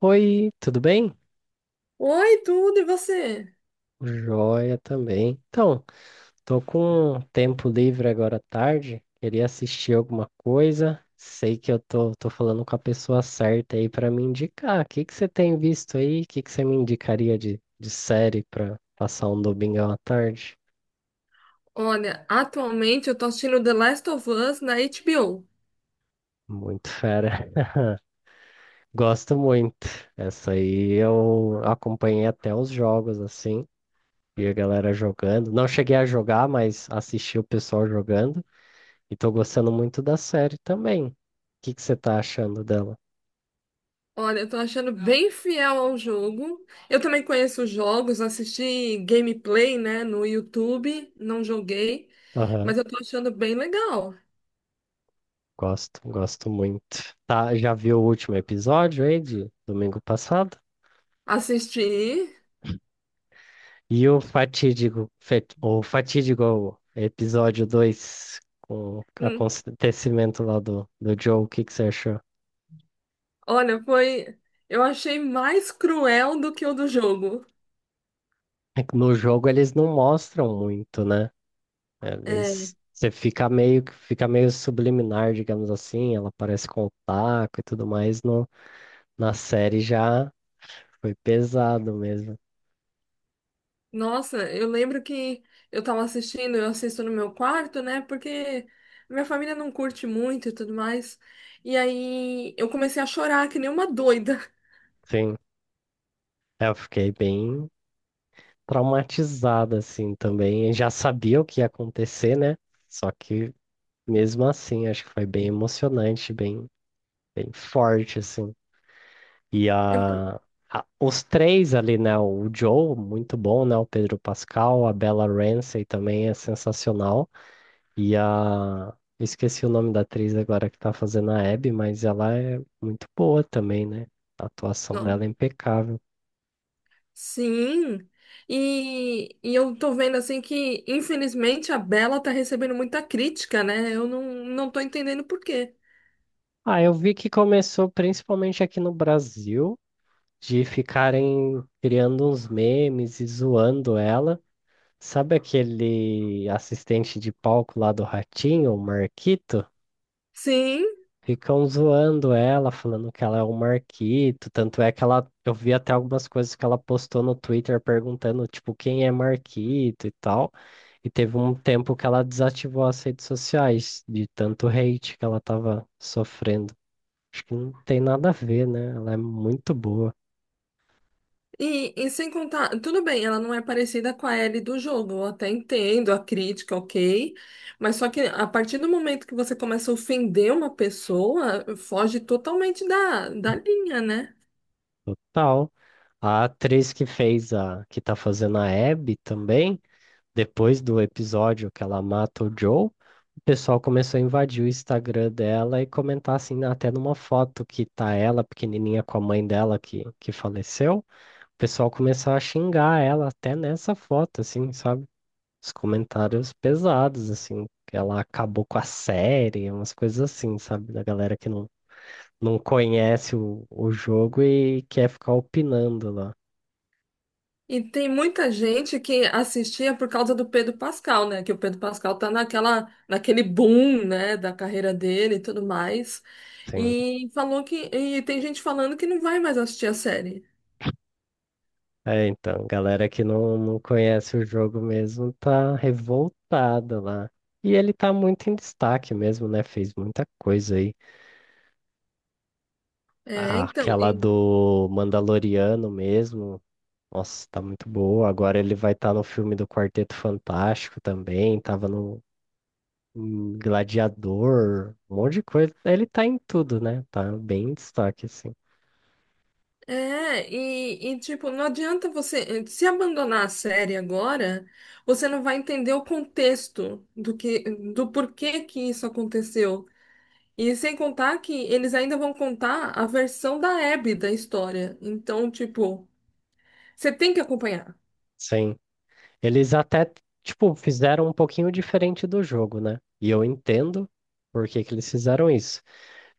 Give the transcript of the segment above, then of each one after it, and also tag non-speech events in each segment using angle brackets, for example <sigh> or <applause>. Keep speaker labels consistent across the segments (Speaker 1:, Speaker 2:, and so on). Speaker 1: Oi, tudo bem?
Speaker 2: Oi, tudo, e você?
Speaker 1: Joia também. Então, tô com um tempo livre agora à tarde, queria assistir alguma coisa. Sei que eu tô falando com a pessoa certa aí pra me indicar. O que que você tem visto aí? O que que você me indicaria de série pra passar um domingão à tarde?
Speaker 2: Olha, atualmente eu tô assistindo The Last of Us na HBO.
Speaker 1: Muito fera. <laughs> Gosto muito. Essa aí eu acompanhei até os jogos, assim. Vi a galera jogando. Não cheguei a jogar, mas assisti o pessoal jogando. E tô gostando muito da série também. O que que você tá achando dela?
Speaker 2: Olha, eu tô achando bem fiel ao jogo. Eu também conheço os jogos, assisti gameplay, né, no YouTube, não joguei,
Speaker 1: Aham,
Speaker 2: mas eu tô achando bem legal.
Speaker 1: gosto, gosto muito. Tá, já viu o último episódio aí de domingo passado?
Speaker 2: Assisti.
Speaker 1: E o fatídico episódio 2 com o
Speaker 2: Hum.
Speaker 1: acontecimento lá do Joe, o que que você achou?
Speaker 2: Olha, foi. Eu achei mais cruel do que o do jogo.
Speaker 1: É que no jogo eles não mostram muito, né?
Speaker 2: É.
Speaker 1: Eles, você fica meio subliminar, digamos assim, ela aparece com o taco e tudo mais, no, na série já foi pesado mesmo.
Speaker 2: Nossa, eu lembro que eu assisto no meu quarto, né? Porque minha família não curte muito e tudo mais. E aí eu comecei a chorar que nem uma doida. <laughs>
Speaker 1: Sim, é, eu fiquei bem traumatizado assim também. Eu já sabia o que ia acontecer, né? Só que mesmo assim, acho que foi bem emocionante, bem, bem forte assim. E
Speaker 2: É por-
Speaker 1: os três ali, né? O Joe, muito bom, né? O Pedro Pascal, a Bella Ramsey também é sensacional. E a Esqueci o nome da atriz agora que tá fazendo a Abby, mas ela é muito boa também, né? A atuação
Speaker 2: Ó.
Speaker 1: dela é impecável.
Speaker 2: Sim. E eu tô vendo assim que, infelizmente, a Bela tá recebendo muita crítica, né? Eu não tô entendendo por quê.
Speaker 1: Ah, eu vi que começou principalmente aqui no Brasil, de ficarem criando uns memes e zoando ela. Sabe aquele assistente de palco lá do Ratinho, o Marquito?
Speaker 2: Sim.
Speaker 1: Ficam zoando ela, falando que ela é o Marquito. Tanto é que ela, eu vi até algumas coisas que ela postou no Twitter perguntando, tipo, quem é Marquito e tal. E teve um tempo que ela desativou as redes sociais de tanto hate que ela tava sofrendo. Acho que não tem nada a ver, né? Ela é muito boa,
Speaker 2: E sem contar, tudo bem, ela não é parecida com a Ellie do jogo, eu até entendo a crítica, ok, mas só que a partir do momento que você começa a ofender uma pessoa, foge totalmente da linha, né?
Speaker 1: total. A atriz que fez a, que tá fazendo a Abby também, depois do episódio que ela mata o Joe, o pessoal começou a invadir o Instagram dela e comentar assim, até numa foto que tá ela pequenininha com a mãe dela que faleceu, o pessoal começou a xingar ela até nessa foto, assim, sabe? Os comentários pesados, assim, que ela acabou com a série, umas coisas assim, sabe? Da galera que não conhece o jogo e quer ficar opinando lá.
Speaker 2: E tem muita gente que assistia por causa do Pedro Pascal, né? Que o Pedro Pascal tá naquele boom, né, da carreira dele e tudo mais.
Speaker 1: Sim.
Speaker 2: E falou que, e tem gente falando que não vai mais assistir a série.
Speaker 1: É, então, galera que não conhece o jogo mesmo tá revoltada lá. E ele tá muito em destaque mesmo, né? Fez muita coisa aí.
Speaker 2: É,
Speaker 1: Ah,
Speaker 2: então.
Speaker 1: aquela do Mandaloriano mesmo. Nossa, tá muito boa. Agora ele vai estar no filme do Quarteto Fantástico também. Tava no em Gladiador, um monte de coisa. Ele tá em tudo, né? Tá bem em destaque, assim.
Speaker 2: É, tipo, não adianta você se abandonar a série agora, você não vai entender o contexto do que, do porquê que isso aconteceu. E sem contar que eles ainda vão contar a versão da Abby da história. Então, tipo, você tem que acompanhar.
Speaker 1: Sim. Eles até, tipo, fizeram um pouquinho diferente do jogo, né? E eu entendo por que que eles fizeram isso.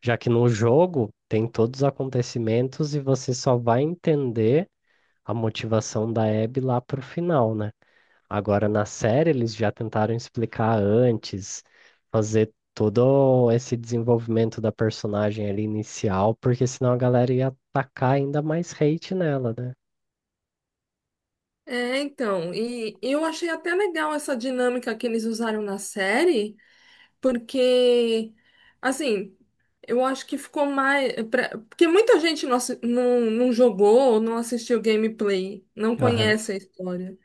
Speaker 1: Já que no jogo tem todos os acontecimentos e você só vai entender a motivação da Abby lá pro final, né? Agora na série eles já tentaram explicar antes, fazer todo esse desenvolvimento da personagem ali inicial, porque senão a galera ia atacar ainda mais hate nela, né?
Speaker 2: É, então, e eu achei até legal essa dinâmica que eles usaram na série, porque, assim, eu acho que porque muita gente não jogou, não assistiu gameplay, não
Speaker 1: Aham.
Speaker 2: conhece a história.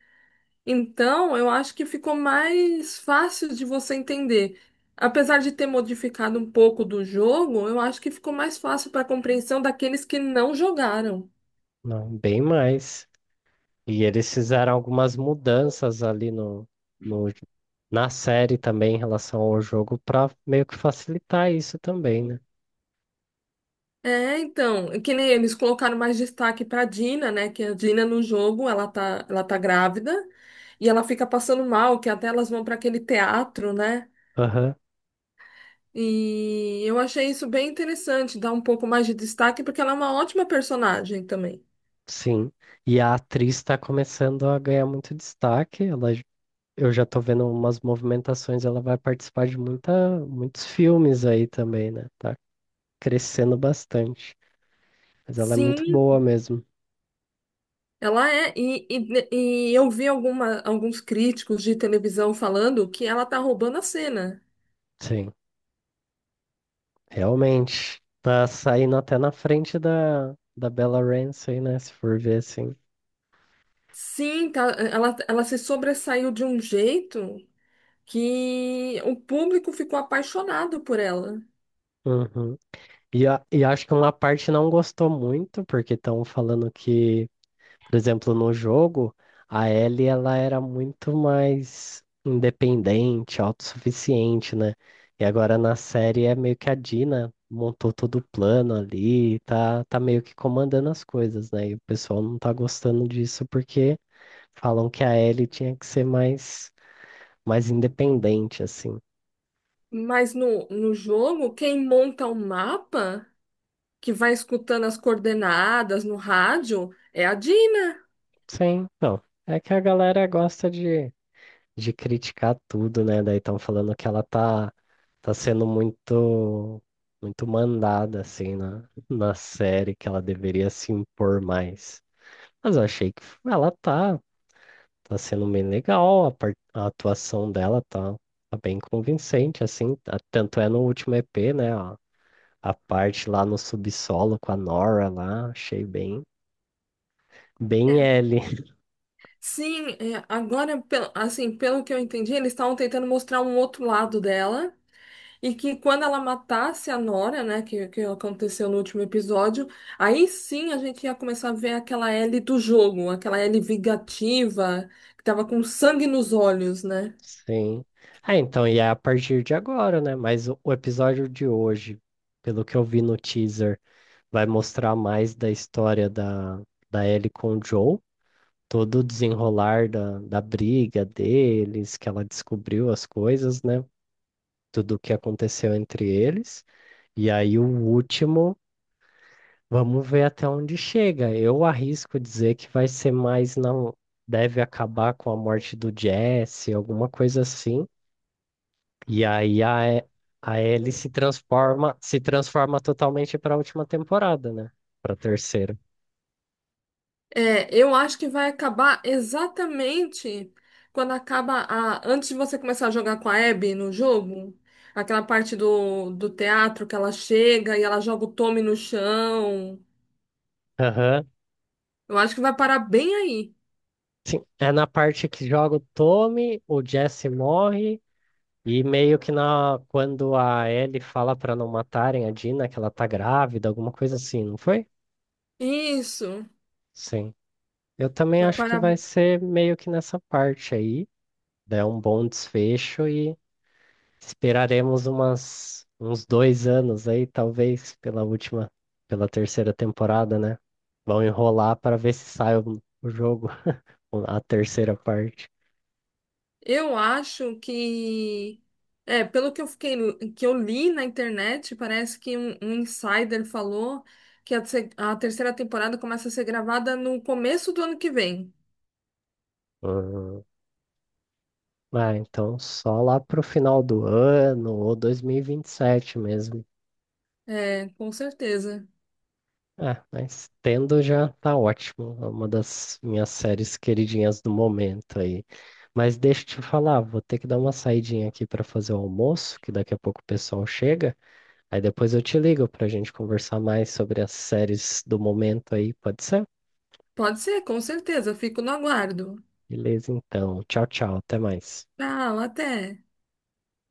Speaker 2: Então, eu acho que ficou mais fácil de você entender. Apesar de ter modificado um pouco do jogo, eu acho que ficou mais fácil para compreensão daqueles que não jogaram.
Speaker 1: Não, bem mais. E eles fizeram algumas mudanças ali no, no, na série também em relação ao jogo para meio que facilitar isso também, né?
Speaker 2: É, então, que nem eles colocaram mais destaque para Dina, né? Que a Dina no jogo, ela tá grávida e ela fica passando mal, que até elas vão para aquele teatro, né?
Speaker 1: Aham,
Speaker 2: E eu achei isso bem interessante, dar um pouco mais de destaque, porque ela é uma ótima personagem também.
Speaker 1: sim. E a atriz está começando a ganhar muito destaque. Eu já tô vendo umas movimentações, ela vai participar de muita, muitos filmes aí também, né? Tá crescendo bastante. Mas ela é muito
Speaker 2: Sim,
Speaker 1: boa mesmo.
Speaker 2: ela é. E eu vi alguns críticos de televisão falando que ela tá roubando a cena.
Speaker 1: Sim, realmente. Tá saindo até na frente da Bella Ramsey, né? Se for ver assim.
Speaker 2: Sim, tá, ela se sobressaiu de um jeito que o público ficou apaixonado por ela.
Speaker 1: Uhum. E acho que uma parte não gostou muito, porque estão falando que, por exemplo, no jogo, a Ellie ela era muito mais independente, autossuficiente, né? E agora na série é meio que a Dina montou todo o plano ali, tá, tá meio que comandando as coisas, né? E o pessoal não tá gostando disso porque falam que a Ellie tinha que ser mais, mais independente, assim.
Speaker 2: Mas no jogo, quem monta o mapa, que vai escutando as coordenadas no rádio, é a Dina.
Speaker 1: Sim, não. É que a galera gosta de criticar tudo, né? Daí estão falando que ela tá sendo muito, muito mandada, assim, na série, que ela deveria se impor mais. Mas eu achei que ela tá sendo bem legal, a, a atuação dela tá bem convincente, assim. Tanto é no último EP, né? A parte lá no subsolo com a Nora lá, achei bem, bem
Speaker 2: É.
Speaker 1: L.
Speaker 2: Sim, é, agora, assim, pelo que eu entendi, eles estavam tentando mostrar um outro lado dela e que quando ela matasse a Nora, né, que aconteceu no último episódio, aí sim a gente ia começar a ver aquela Ellie do jogo, aquela Ellie vingativa, que tava com sangue nos olhos, né?
Speaker 1: Sim. Ah, então, e é a partir de agora, né? Mas o episódio de hoje, pelo que eu vi no teaser, vai mostrar mais da história da Ellie com o Joe, todo o desenrolar da briga deles, que ela descobriu as coisas, né? Tudo o que aconteceu entre eles. E aí o último, vamos ver até onde chega. Eu arrisco dizer que vai ser mais, não, deve acabar com a morte do Jesse, alguma coisa assim. E aí a, E- a Ellie se transforma, se transforma totalmente para a última temporada, né? Para terceira.
Speaker 2: É, eu acho que vai acabar exatamente quando acaba a. Antes de você começar a jogar com a Abby no jogo, aquela parte do teatro que ela chega e ela joga o Tommy no chão.
Speaker 1: Aham.
Speaker 2: Eu acho que vai parar bem aí.
Speaker 1: Sim, é na parte que joga o Tommy, o Jesse morre e meio que na quando a Ellie fala para não matarem a Dina que ela tá grávida, alguma coisa assim, não foi?
Speaker 2: Isso.
Speaker 1: Sim. Eu também
Speaker 2: Vai
Speaker 1: acho que
Speaker 2: parar.
Speaker 1: vai ser meio que nessa parte aí, dá um bom desfecho. Esperaremos uns 2 anos aí, talvez, pela última, pela terceira temporada, né? Vão enrolar para ver se sai o jogo, <laughs> a terceira parte.
Speaker 2: Eu acho que. É, pelo que eu fiquei, que eu li na internet, parece que um insider falou que a, se- a terceira temporada começa a ser gravada no começo do ano que vem.
Speaker 1: Uhum. Ah, então só lá pro final do ano ou dois mil e vinte e sete mesmo.
Speaker 2: É, com certeza.
Speaker 1: É, mas tendo já tá ótimo. É uma das minhas séries queridinhas do momento aí. Mas deixa eu te falar, vou ter que dar uma saidinha aqui para fazer o almoço, que daqui a pouco o pessoal chega. Aí depois eu te ligo pra gente conversar mais sobre as séries do momento aí, pode ser?
Speaker 2: Pode ser, com certeza. Eu fico no aguardo.
Speaker 1: Beleza, então. Tchau, tchau. Até mais.
Speaker 2: Tchau, até.